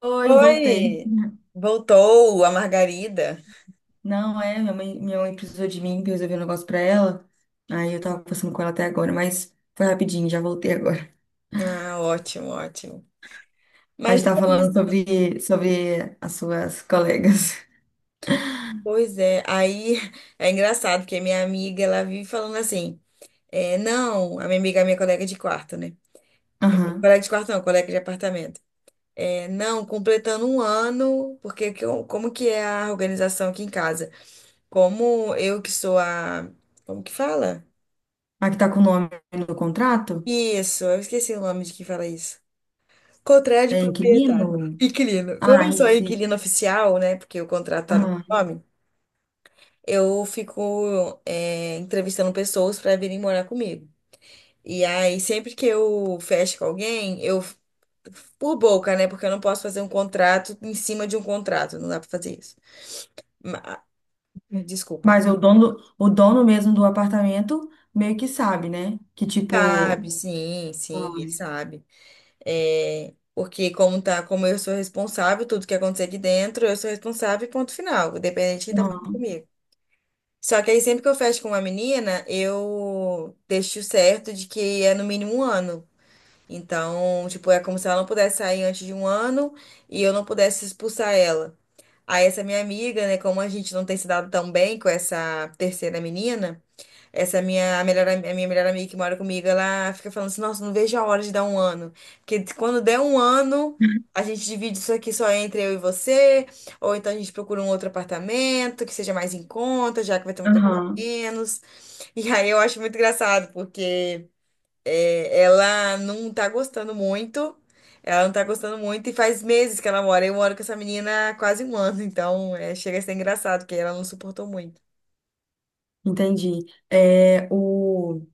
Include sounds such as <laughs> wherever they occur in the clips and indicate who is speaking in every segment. Speaker 1: Hoje voltei.
Speaker 2: Oi! Voltou a Margarida.
Speaker 1: Não, é, minha mãe precisou de mim pra eu resolver um negócio pra ela. Aí eu tava conversando com ela até agora, mas foi rapidinho, já voltei agora. <laughs>
Speaker 2: Ah, ótimo, ótimo.
Speaker 1: A
Speaker 2: Mas
Speaker 1: gente
Speaker 2: é
Speaker 1: tava falando
Speaker 2: isso.
Speaker 1: sobre as suas colegas. <laughs>
Speaker 2: Pois é, aí é engraçado, porque minha amiga, ela vive falando assim, não, a minha amiga, a minha colega de quarto, né?
Speaker 1: Aham.
Speaker 2: Colega de quarto não, colega de apartamento. Não, completando um ano, porque que como que é a organização aqui em casa? Como eu que sou a... Como que fala?
Speaker 1: A que tá com o nome no contrato?
Speaker 2: Isso, eu esqueci o nome de quem fala isso. Contrato de
Speaker 1: É
Speaker 2: proprietário.
Speaker 1: inquilino?
Speaker 2: Inquilino. Como eu
Speaker 1: Ah,
Speaker 2: sou
Speaker 1: isso. Isso.
Speaker 2: inquilino oficial, né? Porque o contrato tá no meu
Speaker 1: Aham.
Speaker 2: nome, eu fico entrevistando pessoas para virem morar comigo. E aí, sempre que eu fecho com alguém, eu. Por boca, né? Porque eu não posso fazer um contrato em cima de um contrato. Não dá para fazer isso. Ma- Desculpa.
Speaker 1: Mas o dono mesmo do apartamento meio que sabe, né? Que tipo.
Speaker 2: Sabe, sim, sim,
Speaker 1: Ah.
Speaker 2: ele sabe. É, porque como tá, como eu sou responsável, tudo que acontecer aqui dentro, eu sou responsável e ponto final, independente de quem tá morando
Speaker 1: Aham.
Speaker 2: comigo. Só que aí sempre que eu fecho com uma menina, eu deixo certo de que é no mínimo um ano. Então, tipo, é como se ela não pudesse sair antes de um ano e eu não pudesse expulsar ela. Aí essa minha amiga, né, como a gente não tem se dado tão bem com essa terceira menina, essa minha a melhor, a minha melhor amiga que mora comigo, ela fica falando assim, nossa, não vejo a hora de dar um ano. Porque quando der um ano, a gente divide isso aqui só entre eu e você, ou então a gente procura um outro apartamento que seja mais em conta, já que vai ter uma pessoa
Speaker 1: Aham.
Speaker 2: menos. E aí eu acho muito engraçado, porque ela não tá gostando muito, ela não tá gostando muito, e faz meses que ela mora. Eu moro com essa menina há quase um ano, então é, chega a ser engraçado, porque ela não suportou muito.
Speaker 1: Entendi. É, o.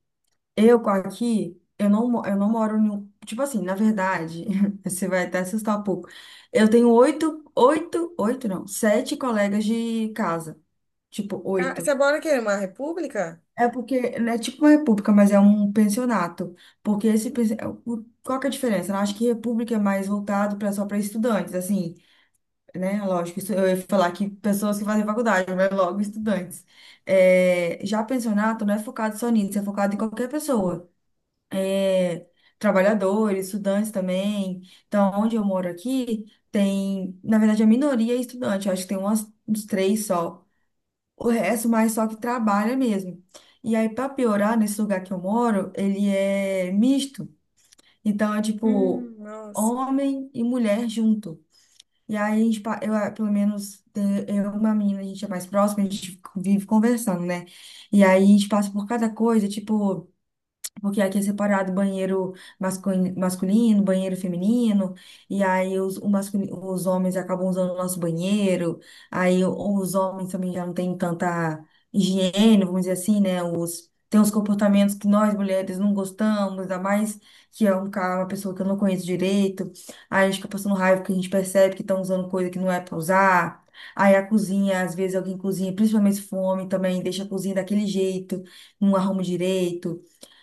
Speaker 1: Eu com aqui, eu não, eu não moro em um. Tipo assim, na verdade, <laughs> você vai até assustar um pouco. Eu tenho oito, oito, oito não, sete colegas de casa. Tipo,
Speaker 2: Ah, você
Speaker 1: oito.
Speaker 2: mora o quê? Uma república?
Speaker 1: É porque não é tipo uma república, mas é um pensionato. Porque esse. Qual que é a diferença? Eu acho que república é mais voltado para só para estudantes, assim, né? Lógico, isso, eu ia falar que pessoas que fazem faculdade, mas logo estudantes. É, já pensionato não é focado só nisso, é focado em qualquer pessoa. Trabalhadores, estudantes também. Então, onde eu moro aqui, tem, na verdade, a minoria é estudante, eu acho que tem umas, uns três só. O resto, mais só que trabalha mesmo. E aí, para piorar, nesse lugar que eu moro, ele é misto. Então, é tipo,
Speaker 2: Nossa.
Speaker 1: homem e mulher junto. E aí, a gente, eu, ah, pelo menos, eu e uma menina, a gente é mais próxima, a gente vive conversando, né? E aí, a gente passa por cada coisa, tipo. Porque aqui é separado banheiro masculino, banheiro feminino, e aí os homens acabam usando o nosso banheiro, aí os homens também já não têm tanta higiene, vamos dizer assim, né? Tem uns comportamentos que nós mulheres não gostamos, ainda mais que é um cara, uma pessoa que eu não conheço direito, aí a gente fica passando raiva porque a gente percebe que estão usando coisa que não é para usar. Aí a cozinha, às vezes alguém cozinha, principalmente se for um homem também, deixa a cozinha daquele jeito, não arruma direito.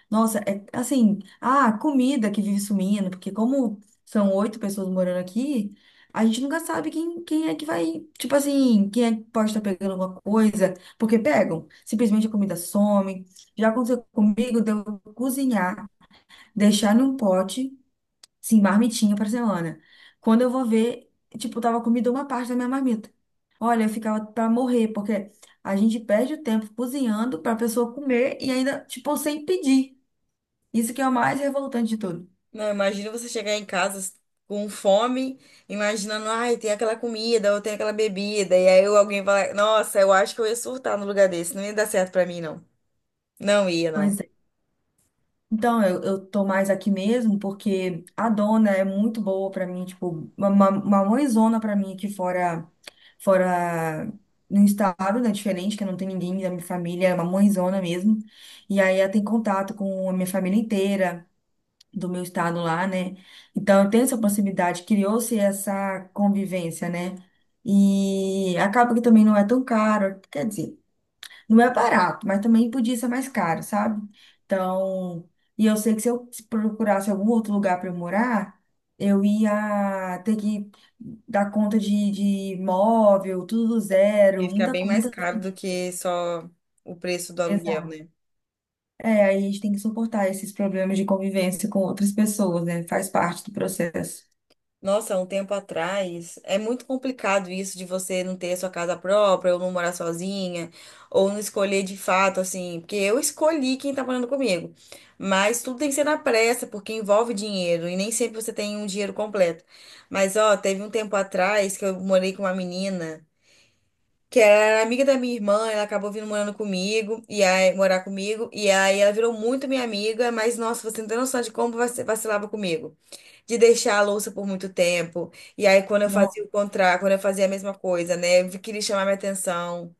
Speaker 1: Nossa, é assim, ah, comida que vive sumindo, porque como são oito pessoas morando aqui, a gente nunca sabe quem é que vai, tipo assim, quem é que pode estar pegando alguma coisa, porque pegam, simplesmente a comida some. Já aconteceu comigo de eu cozinhar, deixar num pote, sim, marmitinha pra semana. Quando eu vou ver, tipo, tava comida uma parte da minha marmita. Olha, eu ficava pra morrer, porque a gente perde o tempo cozinhando pra pessoa comer e ainda, tipo, sem pedir. Isso que é o mais revoltante de tudo.
Speaker 2: Não, imagina você chegar em casa com fome, imaginando, ai, tem aquela comida ou tem aquela bebida, e aí alguém fala, nossa, eu acho que eu ia surtar no lugar desse, não ia dar certo pra mim, não. Não ia,
Speaker 1: Pois
Speaker 2: não.
Speaker 1: é. Então, eu tô mais aqui mesmo porque a dona é muito boa pra mim, tipo, uma mãezona pra mim aqui fora, fora no estado, né, diferente, que não tem ninguém da minha família, é uma mãezona mesmo. E aí ela tem contato com a minha família inteira do meu estado lá, né? Então, eu tenho essa proximidade, criou-se essa convivência, né? E acaba que também não é tão caro, quer dizer, não é barato, mas também podia ser mais caro, sabe? Então, e eu sei que se eu procurasse algum outro lugar para eu morar, eu ia ter que dar conta de móvel, tudo do zero,
Speaker 2: Ia ficar
Speaker 1: muita
Speaker 2: bem mais
Speaker 1: coisa.
Speaker 2: caro do que só o preço do aluguel,
Speaker 1: Exato.
Speaker 2: né?
Speaker 1: É, aí a gente tem que suportar esses problemas de convivência com outras pessoas, né? Faz parte do processo.
Speaker 2: Nossa, há um tempo atrás, é muito complicado isso de você não ter a sua casa própria, ou não morar sozinha, ou não escolher de fato, assim, porque eu escolhi quem tá morando comigo. Mas tudo tem que ser na pressa, porque envolve dinheiro, e nem sempre você tem um dinheiro completo. Mas, ó, teve um tempo atrás que eu morei com uma menina que era amiga da minha irmã, ela acabou vindo morando comigo, e aí, morar comigo, e aí ela virou muito minha amiga, mas, nossa, você não tem noção de como vacilava comigo de deixar a louça por muito tempo. E aí, quando eu
Speaker 1: Não,
Speaker 2: fazia o contrário, quando eu fazia a mesma coisa, né? Eu queria chamar minha atenção.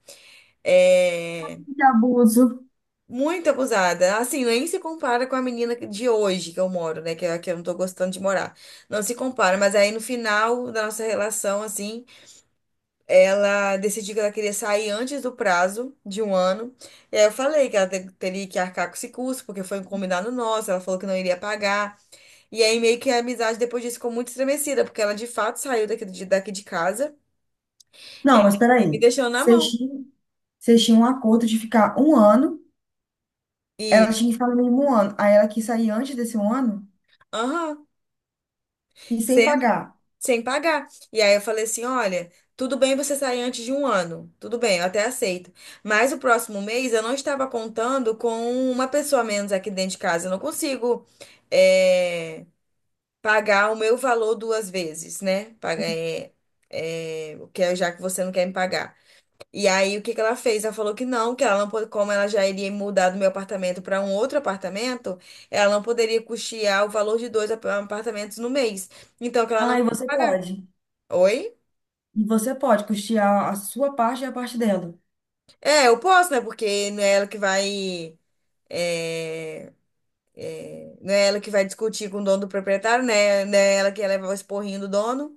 Speaker 2: É...
Speaker 1: de abuso.
Speaker 2: Muito abusada. Assim, nem se compara com a menina de hoje que eu moro, né? Que, é a que eu não tô gostando de morar. Não se compara. Mas aí, no final da nossa relação, assim, ela decidiu que ela queria sair antes do prazo de um ano. E aí eu falei que ela teria que arcar com esse custo, porque foi um combinado nosso. Ela falou que não iria pagar. E aí meio que a amizade depois disso ficou muito estremecida, porque ela de fato saiu daqui daqui de casa
Speaker 1: Não, mas
Speaker 2: e me
Speaker 1: peraí.
Speaker 2: deixou na
Speaker 1: Vocês
Speaker 2: mão.
Speaker 1: tinham, vocês tinham um acordo de ficar um ano,
Speaker 2: E,
Speaker 1: ela tinha que ficar no mínimo um ano. Aí ela quis sair antes desse um ano?
Speaker 2: aham,
Speaker 1: E sem
Speaker 2: sendo
Speaker 1: pagar.
Speaker 2: sem pagar. E aí eu falei assim, olha, tudo bem você sair antes de um ano, tudo bem, eu até aceito. Mas o próximo mês eu não estava contando com uma pessoa a menos aqui dentro de casa. Eu não consigo é, pagar o meu valor duas vezes, né? O que é já que você não quer me pagar. E aí, o que que ela fez? Ela falou que não, que ela não pode, como ela já iria mudar do meu apartamento para um outro apartamento, ela não poderia custear o valor de dois apartamentos no mês. Então, que ela não ia
Speaker 1: Ah, e você
Speaker 2: pagar.
Speaker 1: pode.
Speaker 2: Oi?
Speaker 1: E você pode custear a sua parte e a parte dela.
Speaker 2: É, eu posso, né? Porque não é ela que vai. é, Não é ela que vai discutir com o dono do proprietário, né? Não é ela que ia levar o esporrinho do dono,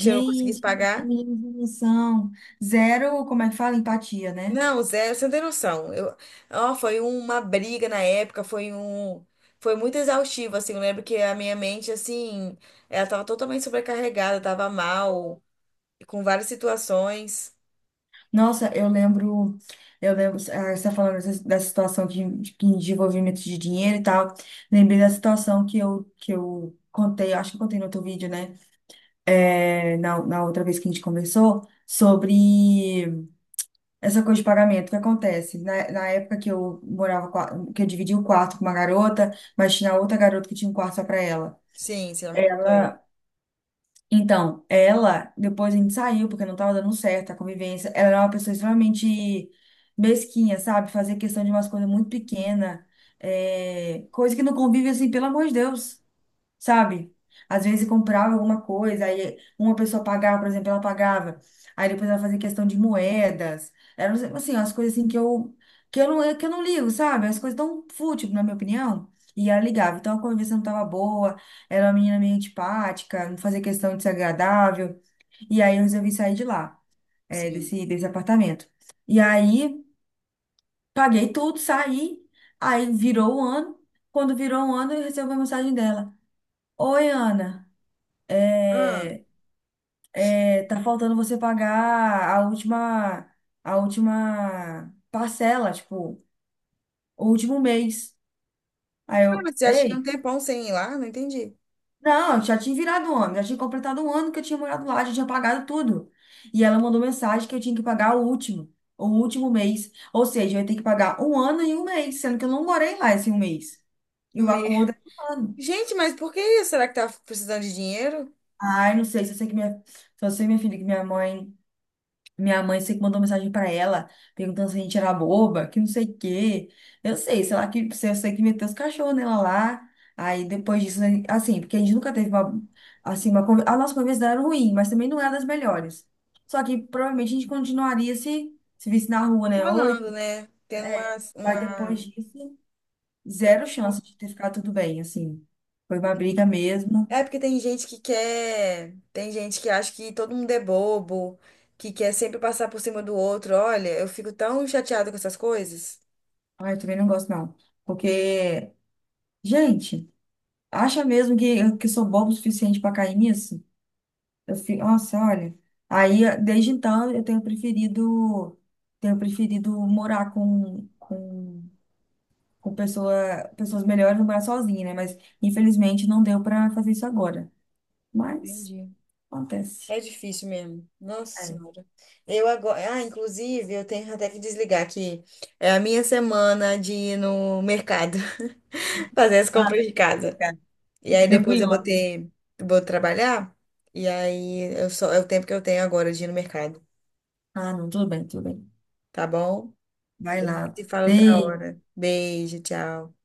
Speaker 2: se eu não conseguisse
Speaker 1: que
Speaker 2: pagar.
Speaker 1: menino sem noção. Zero, como é que fala? Empatia, né?
Speaker 2: Não, Zé, você não tem noção. Eu, ó, foi uma briga na época, foi muito exaustivo, assim. Eu lembro que a minha mente, assim, ela tava totalmente sobrecarregada, tava mal, com várias situações.
Speaker 1: Nossa, eu lembro. Eu lembro, ah, você tá falando dessa situação de, de envolvimento de dinheiro e tal. Lembrei da situação que eu contei, acho que eu contei no outro vídeo, né? É, na outra vez que a gente conversou, sobre. Essa coisa de pagamento, o que acontece? Na época que eu morava, que eu dividi o quarto com uma garota, mas tinha outra garota que tinha um quarto só pra ela.
Speaker 2: Sim, você já me contou isso.
Speaker 1: Ela, então, ela, depois a gente saiu, porque não tava dando certo a convivência. Ela era uma pessoa extremamente mesquinha, sabe? Fazia questão de umas coisas muito pequenas, é, coisa que no convívio, assim, pelo amor de Deus, sabe? Às vezes comprava alguma coisa, aí uma pessoa pagava, por exemplo, ela pagava, aí depois ela fazia questão de moedas, eram assim, as coisas assim que eu não ligo, sabe? As coisas tão fútil, na minha opinião, e ela ligava. Então a conversa não tava boa, era uma menina meio antipática, não fazia questão de ser agradável, e aí eu resolvi sair de lá, é
Speaker 2: Sim.
Speaker 1: desse apartamento. E aí paguei tudo, saí, aí virou um ano, quando virou um ano eu recebi a mensagem dela. Oi, Ana.
Speaker 2: Ah, Ah,
Speaker 1: É, tá faltando você pagar a última parcela, tipo, o último mês. Aí eu,
Speaker 2: mas você acha que é um
Speaker 1: ei,
Speaker 2: tempão sem ir lá? Não entendi.
Speaker 1: não, eu já tinha virado um ano, já tinha completado um ano que eu tinha morado lá, já tinha pagado tudo. E ela mandou mensagem que eu tinha que pagar o último mês. Ou seja, eu ia ter que pagar um ano e um mês, sendo que eu não morei lá esse um mês. E o
Speaker 2: Me-
Speaker 1: acordo é um ano.
Speaker 2: Gente, mas por que isso? Será que tá precisando de dinheiro?
Speaker 1: Ai, não sei, se eu sei que minha, só sei, minha filha, que minha mãe. Minha mãe sei que mandou mensagem pra ela, perguntando se a gente era boba, que não sei o quê. Eu sei, sei lá que eu sei que meteu os cachorros nela lá. Aí depois disso, né, assim, porque a gente nunca teve uma, assim, uma, a nossa conversa era ruim, mas também não era das melhores. Só que provavelmente a gente continuaria se visse na rua,
Speaker 2: Tô
Speaker 1: né?
Speaker 2: falando,
Speaker 1: Oito,
Speaker 2: né? Tendo
Speaker 1: é. Mas depois
Speaker 2: uma,
Speaker 1: disso,
Speaker 2: tendo
Speaker 1: zero
Speaker 2: uma
Speaker 1: chance de ter ficado tudo bem, assim. Foi uma briga mesmo.
Speaker 2: É porque tem gente que quer, tem gente que acha que todo mundo é bobo, que quer sempre passar por cima do outro. Olha, eu fico tão chateada com essas coisas.
Speaker 1: Ai, eu também não gosto não, porque gente, acha mesmo que sou bobo o suficiente para cair nisso? Eu fico, nossa, olha. Aí, desde então, eu tenho preferido morar com pessoa, pessoas melhores do que morar sozinha, né? Mas, infelizmente, não deu para fazer isso agora. Mas,
Speaker 2: Entendi.
Speaker 1: acontece.
Speaker 2: É difícil mesmo. Nossa
Speaker 1: É.
Speaker 2: Senhora. Eu agora, ah, inclusive, eu tenho até que desligar aqui. É a minha semana de ir no mercado, <laughs> fazer as
Speaker 1: Ah,
Speaker 2: compras de casa.
Speaker 1: cara,
Speaker 2: E aí
Speaker 1: eu
Speaker 2: depois
Speaker 1: fui
Speaker 2: eu vou
Speaker 1: ontem.
Speaker 2: ter, vou trabalhar. E aí eu só é o tempo que eu tenho agora de ir no mercado,
Speaker 1: Ah, não, tudo bem, tudo bem.
Speaker 2: tá bom?
Speaker 1: Vai lá.
Speaker 2: Se fala outra
Speaker 1: Beijo.
Speaker 2: hora. Beijo, tchau.